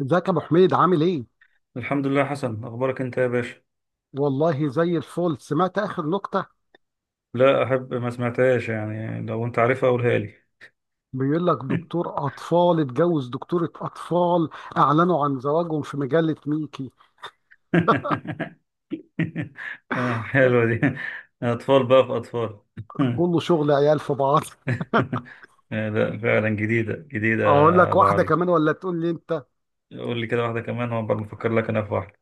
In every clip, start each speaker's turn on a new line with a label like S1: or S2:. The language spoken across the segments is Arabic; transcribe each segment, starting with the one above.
S1: ازيك يا ابو حميد عامل ايه؟
S2: الحمد لله، حسن اخبارك انت يا باشا؟
S1: والله زي الفل سمعت اخر نكته.
S2: لا، احب ما سمعتهاش، يعني لو انت عارفها قولها لي.
S1: بيقول لك دكتور اطفال اتجوز دكتوره اطفال، اعلنوا عن زواجهم في مجله ميكي.
S2: آه، حلوه دي. اطفال بقى في اطفال.
S1: كله شغل عيال في بعض.
S2: آه، لا فعلا، جديده جديده
S1: اقول
S2: يا
S1: لك
S2: ابو
S1: واحده
S2: علي.
S1: كمان ولا تقول لي انت؟
S2: قول لي كده واحده كمان، وعقبال ما افكر لك انا في واحده.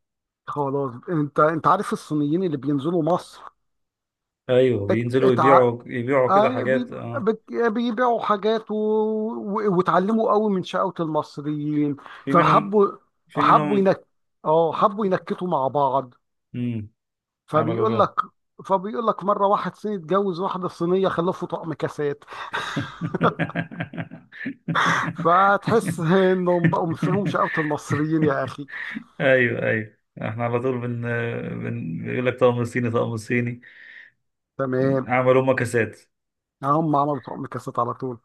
S1: خلاص، انت عارف الصينيين اللي بينزلوا مصر.
S2: ايوه،
S1: ات...
S2: بينزلوا
S1: اتع...
S2: يبيعوا كده
S1: آه بي...
S2: حاجات اه
S1: بي- بيبيعوا حاجات و واتعلموا قوي من شقاوة المصريين،
S2: في منهم.
S1: فحبوا،
S2: في
S1: حبوا
S2: منهم
S1: ينك... اه حبوا ينكتوا مع بعض.
S2: امم عملوا
S1: فبيقول
S2: إيه بقى؟
S1: لك فبيقول لك مره واحد صيني اتجوز واحده صينيه، خلفوا طقم كاسات. فتحس انهم بقوا فيهم شقاوه المصريين يا اخي.
S2: ايوه، ايوه، احنا على طول بن بن بيقول لك طقم صيني طقم صيني.
S1: تمام،
S2: عملوا مكاسات.
S1: هم عملوا طقم كاسات على طول.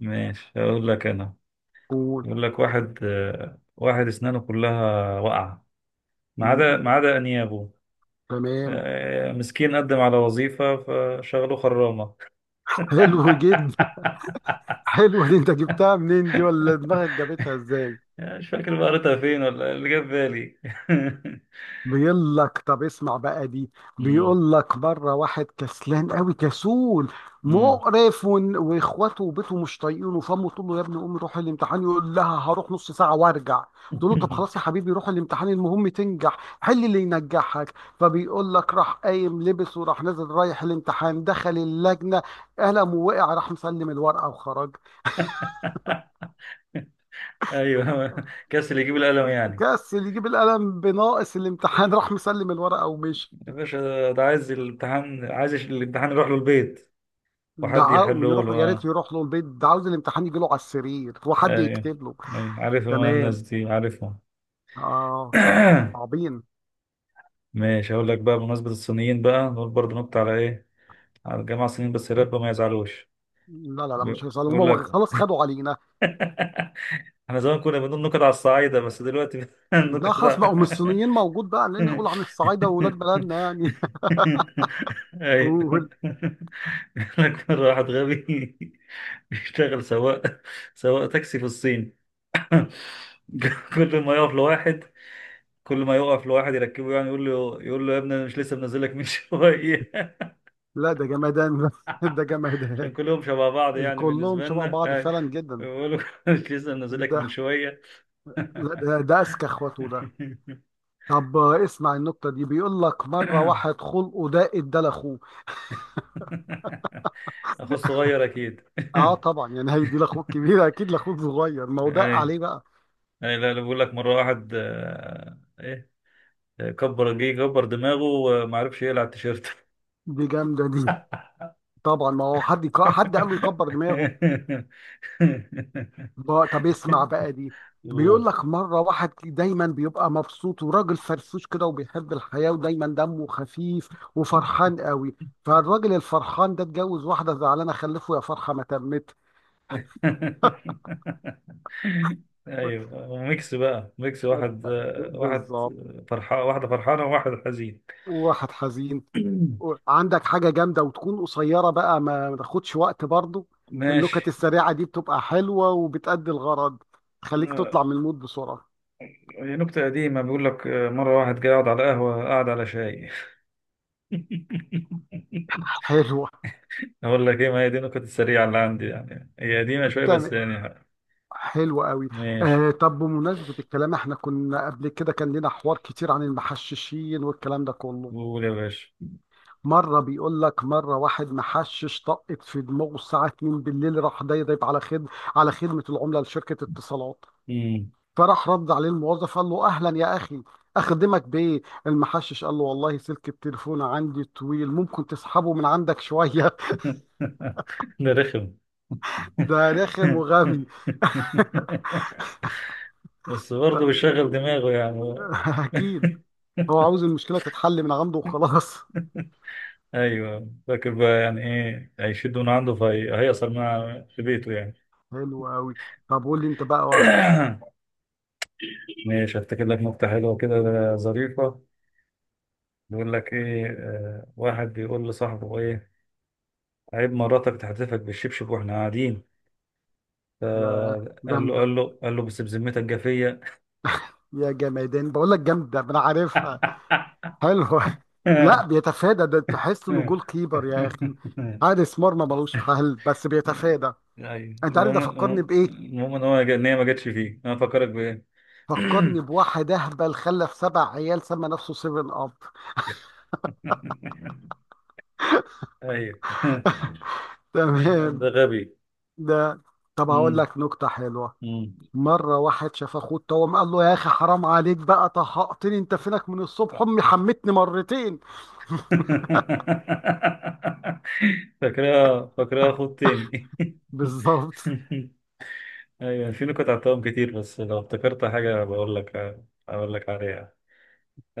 S2: ماشي، هقول لك انا.
S1: قول.
S2: يقول لك واحد اسنانه كلها واقعه، ما عدا
S1: م-
S2: ما عدا انيابه.
S1: تمام.
S2: مسكين، قدم على وظيفه فشغلوه خرامه.
S1: حلو جدا. حلو دي، انت جبتها منين دي ولا دماغك جابتها ازاي؟
S2: مش فاكر بقى، قريتها فين ولا إيه، اللي جاب بالي.
S1: بيقول لك طب اسمع بقى دي. بيقول لك بره واحد كسلان قوي كسول
S2: مم.
S1: مقرف، واخواته وبيته مش طايقينه، فامه تقول له يا ابني قوم روح الامتحان. يقول لها هروح نص ساعه وارجع. تقول له طب خلاص يا حبيبي روح الامتحان، المهم تنجح، حل اللي ينجحك. فبيقول لك راح قايم لبس وراح نازل رايح الامتحان، دخل اللجنه، قلم ووقع، راح مسلم الورقه وخرج.
S2: ايوه، كسل يجيب القلم يعني.
S1: كسل يجيب القلم، بناقص الامتحان راح مسلم الورقه ومشي.
S2: يا باشا، ده عايز الامتحان، عايز الامتحان يروح له البيت. وحد
S1: دعاهم
S2: يحله له،
S1: يروحوا، يا ريت
S2: اه.
S1: يروح له البيت، ده عاوز الامتحان يجي له على السرير وحد
S2: ايوه،
S1: يكتب له.
S2: ايوه، عارفهم انا، الناس
S1: تمام.
S2: دي عارفهم.
S1: اه، صعبين.
S2: ماشي، هقول لك بقى بمناسبة الصينيين، بقى نقول برضه نقطة على ايه على الجماعة الصينيين، بس يا رب ما يزعلوش.
S1: لا لا لا، مش هيصلوا،
S2: بقول
S1: هم
S2: لك.
S1: خلاص خدوا علينا.
S2: احنا زمان كنا بنقول نكت على الصعايدة، بس دلوقتي
S1: لا
S2: النكت.
S1: خلاص بقوا من الصينيين موجود بقى، لان نقول عن الصعايده واولاد بلدنا يعني.
S2: ايوه.
S1: قول.
S2: لك مرة واحد غبي بيشتغل سواق، سواق تاكسي في الصين. كل ما يقف لواحد كل ما يقف لواحد يركبه، يعني يقول له يا ابني، انا مش لسه منزل لك من شويه؟
S1: لا ده جمدان، ده جمدان.
S2: عشان كلهم شبه بعض يعني
S1: كلهم
S2: بالنسبه
S1: شبه
S2: لنا،
S1: بعض
S2: أي.
S1: فعلا جدا.
S2: يقول له مش لسه منزل لك
S1: ده
S2: من شويه؟
S1: لا ده، ده اذكى اخواته ده. طب اسمع النكته دي، بيقول لك مره واحد خلقه ده ادى لاخوه.
S2: اخو الصغير اكيد.
S1: اه طبعا، يعني هيدي لاخوك كبير؟ اكيد لاخوك صغير، ما هو ده
S2: اي،
S1: عليه بقى.
S2: يعني، لا لا بقول لك، مرة واحد ايه، كبر، جه كبر دماغه وما عرفش يقلع التيشيرت.
S1: دي جامدة دي. طبعا، ما هو حد حد قال له يكبر دماغه. طب اسمع بقى دي. بيقول
S2: قول.
S1: لك مرة واحد دايما بيبقى مبسوط وراجل فرفوش كده وبيحب الحياة ودايما دمه خفيف وفرحان قوي. فالراجل الفرحان ده اتجوز واحدة زعلانة، خلفه يا فرحة ما تمت.
S2: ايوه، وميكس بقى، ميكس
S1: طب-
S2: واحد
S1: بالظبط،
S2: فرحان، واحدة فرحانة وواحد حزين.
S1: واحد حزين. عندك حاجة جامدة وتكون قصيرة بقى، ما تاخدش وقت برضه. النكت
S2: ماشي.
S1: السريعة دي بتبقى حلوة وبتأدي الغرض، تخليك
S2: آه،
S1: تطلع من المود بسرعة.
S2: هي نكتة قديمة، بيقول لك مرة واحد قاعد على قهوة، قاعد على شاي.
S1: حلو.
S2: اقول لك ايه، ما هي دي النكت السريعه اللي عندي يعني، هي قديمه شويه بس
S1: تمام،
S2: يعني.
S1: حلو قوي.
S2: ماشي.
S1: آه طب بمناسبة الكلام، احنا كنا قبل كده كان لنا حوار كتير عن المحششين والكلام ده كله.
S2: قول يا باشا.
S1: بيقول لك مرة واحد محشش طقت في دماغه الساعة 2 بالليل، راح ضايب على خدمة العملة لشركة اتصالات.
S2: مم.
S1: فراح رد عليه الموظف قال له أهلا يا أخي، أخدمك بإيه؟ المحشش قال له والله سلك التليفون عندي طويل، ممكن تسحبه من عندك شوية؟
S2: ده رخم.
S1: ده رخم وغبي.
S2: بس برضه بيشغل دماغه يعني.
S1: أكيد، هو عاوز المشكلة تتحل من عنده وخلاص.
S2: ايوه، فاكر بقى يعني ايه هيشد من عنده فهيأثر مع في بيته يعني.
S1: حلو قوي. طب قول لي انت بقى واحد.
S2: ماشي، هفتكر لك نكته حلوه كده، ظريفه. بيقول لك ايه، واحد بيقول لصاحبه ايه، عيب مراتك تحدفك بالشبشب واحنا قاعدين؟ فقال
S1: يا
S2: له،
S1: جامدة،
S2: قال له قال له بس بذمتك جافية.
S1: يا جمادان بقول لك جامدة، ما انا عارفها. حلوة. لا بيتفادى ده، تحس انه جول كيبر يا اخي، حارس مرمى ملوش حل بس بيتفادى.
S2: ايوه،
S1: انت عارف ده
S2: المهم.
S1: فكرني بايه؟
S2: المهم ان هي ما جاتش فيه، انا فكرك بايه.
S1: فكرني بواحد اهبل خلف سبع عيال سمى نفسه سيفن اب.
S2: ايوه، ده
S1: تمام.
S2: غبي.
S1: ده طب هقول
S2: مم.
S1: لك نكتة حلوة.
S2: مم.
S1: مرة واحد شاف اخوه اتوم قال له يا اخي حرام عليك بقى طهقتني، انت فينك من الصبح؟ امي حمتني مرتين.
S2: فاكرها، خد تاني.
S1: بالظبط.
S2: ايوه، في نكت عطاهم كتير، بس لو افتكرت حاجة بقول لك، اقول لك عليها.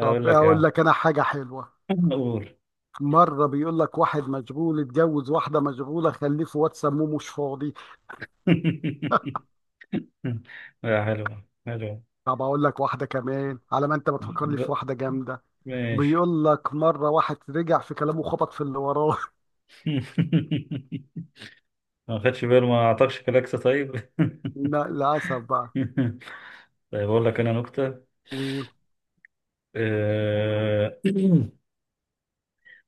S1: طب
S2: لك يا
S1: اقول
S2: عم.
S1: لك انا حاجة حلوة.
S2: قول.
S1: مرة بيقول لك واحد مشغول اتجوز واحدة مشغولة، خليه في واد سموه مش فاضي.
S2: لا، حلوة حلوة.
S1: طب اقول لك واحدة كمان على ما انت بتفكرني في
S2: ب-
S1: واحدة جامدة.
S2: ماشي.
S1: بيقول لك مرة واحد رجع في كلامه، خبط في اللي وراه.
S2: ما خدش باله، ما اعطاكش كلاكسة طيب.
S1: لا للأسف بقى.
S2: طيب اقول لك انا نكتة.
S1: قول.
S2: اقول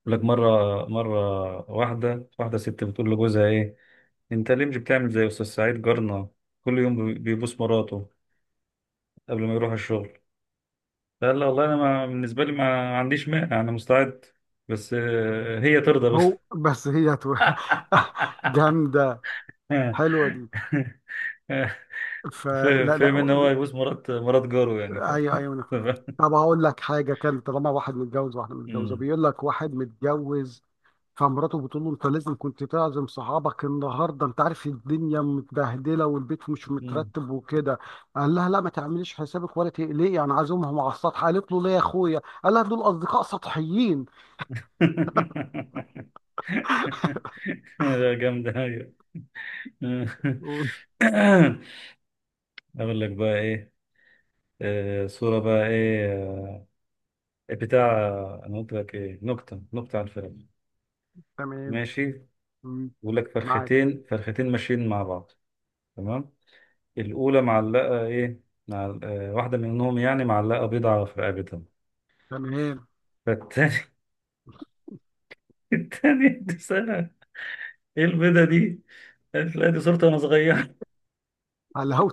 S2: لك مرة، واحدة، ست بتقول لجوزها ايه، انت ليه مش بتعمل زي استاذ سعيد جارنا، كل يوم بيبوس مراته قبل ما يروح الشغل؟ قال لها، والله انا ما بالنسبة لي ما عنديش مانع، انا مستعد، بس هي ترضى بس.
S1: هو بس جامدة، حلوة دي. فلا لا،
S2: فاهم ان هو يبوس مرات جاره يعني.
S1: ايوه ايوه. طب هقول لك حاجه كان طالما واحد متجوز واحده متجوزه،
S2: مم.
S1: بيقول لك واحد متجوز فمراته بتقول له انت لازم كنت تعزم صحابك النهارده، انت عارف الدنيا متبهدله والبيت مش
S2: مم.
S1: مترتب وكده. قال لها لا ما تعمليش حسابك ولا تقلقي، انا عازمهم على السطح. قالت له ليه يا اخويا؟ قال لها دول اصدقاء سطحيين.
S2: لا جامدة، أيوة. أقول لك بقى إيه، صورة بقى إيه، بتاع، أنا قلت لك إيه، نكتة عن الفيلم.
S1: تمام.
S2: ماشي.
S1: مم.
S2: بيقول لك
S1: معاك.
S2: فرختين ماشيين مع بعض. تمام. الأولى معلقة إيه، مع واحدة منهم يعني معلقة بيضة في رقبتها.
S1: تمام.
S2: فالتاني. التاني دي سنة ايه البيضة دي؟ قالت، لا دي صورتي وانا صغير.
S1: على هو،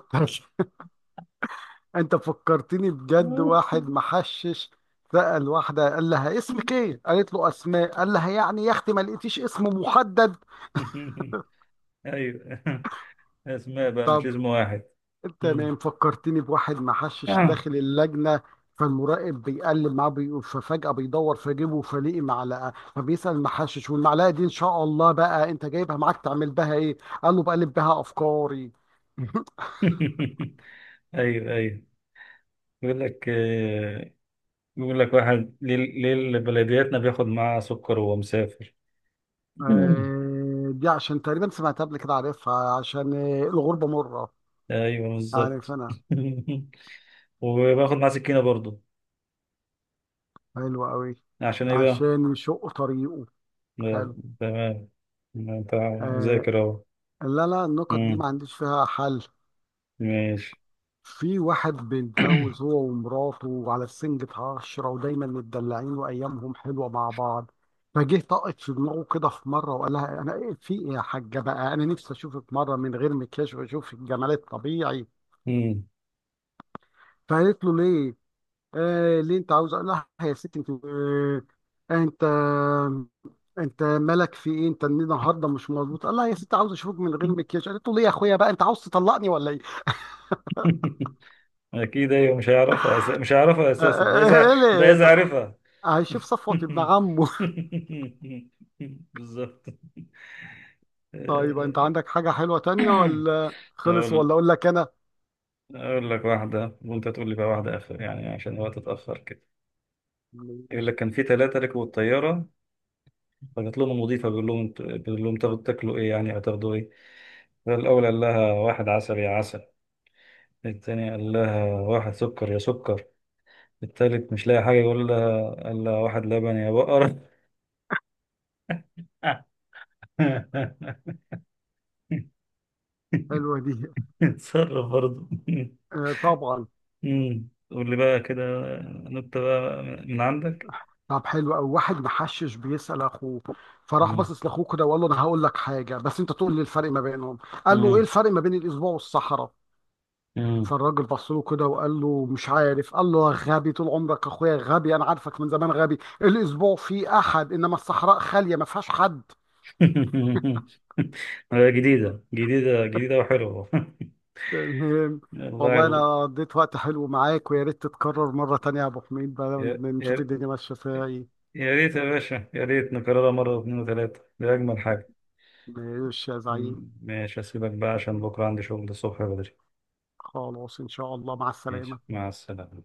S1: انت فكرتني بجد واحد محشش سأل واحدة قال لها اسمك ايه؟ قالت له اسماء. قال لها يعني يا اختي ما لقيتيش اسم محدد؟
S2: ايوه، اسماء بقى، مش
S1: طب
S2: اسم واحد.
S1: انت
S2: مم.
S1: ما فكرتني بواحد محشش
S2: آه.
S1: داخل اللجنة، فالمراقب بيقلب معاه بي... ففجأة بيدور في جيبه فلاقي معلقة، فبيسأل المحشش والمعلقة دي ان شاء الله بقى انت جايبها معاك تعمل بها ايه؟ قال له بقلب بها افكاري.
S2: ايوه، ايوه، يقول لك، واحد، ليه بلدياتنا بياخد معاه سكر وهو مسافر. مم.
S1: آه، دي عشان تقريبا سمعتها قبل كده عارفها، عشان آه، الغربة مرة.
S2: ايوه،
S1: عارف
S2: بالظبط.
S1: انا.
S2: وباخد معاه سكينه برضو،
S1: حلو قوي.
S2: عشان ايه بقى؟
S1: عشان يشق طريقه.
S2: لا.
S1: حلو.
S2: تمام. انت
S1: آه،
S2: مذاكر اهو.
S1: لا لا النكت دي
S2: مم.
S1: ما عنديش فيها حل.
S2: ماشي.
S1: في واحد بيتجوز هو ومراته وعلى سنجة عشرة ودايما متدلعين وأيامهم حلوة مع بعض. فجه طقت في دماغه كده في مرة وقال لها أنا إيه في إيه يا حاجة بقى، أنا نفسي أشوفك مرة من غير مكياج وأشوفك جمال الطبيعي.
S2: مم.
S1: فقالت له ليه؟ آه ليه أنت عاوز؟ قال لها يا ستي أنت آه، أنت انت مالك في ايه؟ انت النهارده مش مظبوط؟ قال لها يا ست عاوز اشوفك من غير مكياج. قالت له ليه يا اخويا بقى، انت عاوز تطلقني ولا ايه؟
S2: اكيد، ايوه، مش هيعرفها مش هيعرفها
S1: آه،
S2: اساسا،
S1: آه، آه،
S2: ده
S1: ليه
S2: اذا
S1: ت-
S2: عرفها.
S1: هيشوف صفوة ابن عمه.
S2: بالظبط.
S1: طيب
S2: آه،
S1: انت عندك حاجه حلوه تانية ولا خلص ولا
S2: اقول
S1: اقول لك انا؟
S2: اقول لك واحده، وانت تقول لي بقى واحده اخر يعني، عشان الوقت اتاخر كده. يقول
S1: ماشي.
S2: لك كان في ثلاثه ركبوا الطياره، فجت لهم المضيفه، بيقول لهم تاكلوا ايه يعني، هتاخدوا ايه؟ فالاول قال لها، واحد عسل يا عسل. الثاني قال لها، واحد سكر يا سكر. التالت مش لاقي حاجة، يقول لها إلا واحد لبن يا بقرة.
S1: حلوه دي،
S2: اتصرف برضه.
S1: آه، طبعا.
S2: أمم. قول لي بقى كده نكتة بقى من عندك.
S1: طب حلو قوي، واحد محشش بيسال اخوه، فراح
S2: أمم.
S1: باصص لاخوه كده وقال له انا هقول لك حاجه بس انت تقول لي الفرق ما بينهم. قال له ايه
S2: أمم.
S1: الفرق ما بين الاسبوع والصحراء؟
S2: أمم.
S1: فالراجل بص له كده وقال له مش عارف. قال له يا غبي طول عمرك اخويا غبي، انا عارفك من زمان غبي، الاسبوع فيه احد انما الصحراء خاليه ما فيهاش حد.
S2: جديدة وحلوة.
S1: تمام.
S2: والله
S1: والله
S2: ال...
S1: انا قضيت وقت حلو معاك، ويا ريت تتكرر مره تانية يا ابو حميد، بقى
S2: يا...
S1: نشوف
S2: يا...
S1: الدنيا ماشيه فيها ايه.
S2: يا ريت يا باشا، يا ريت نكررها مرة واثنين وثلاثة، دي أجمل حاجة.
S1: ماشي يا زعيم.
S2: أمم. ماشي، أسيبك بقى عشان بكرة عندي شغل الصبح بدري.
S1: خلاص ان شاء الله مع
S2: ماشي،
S1: السلامه.
S2: مع السلامة.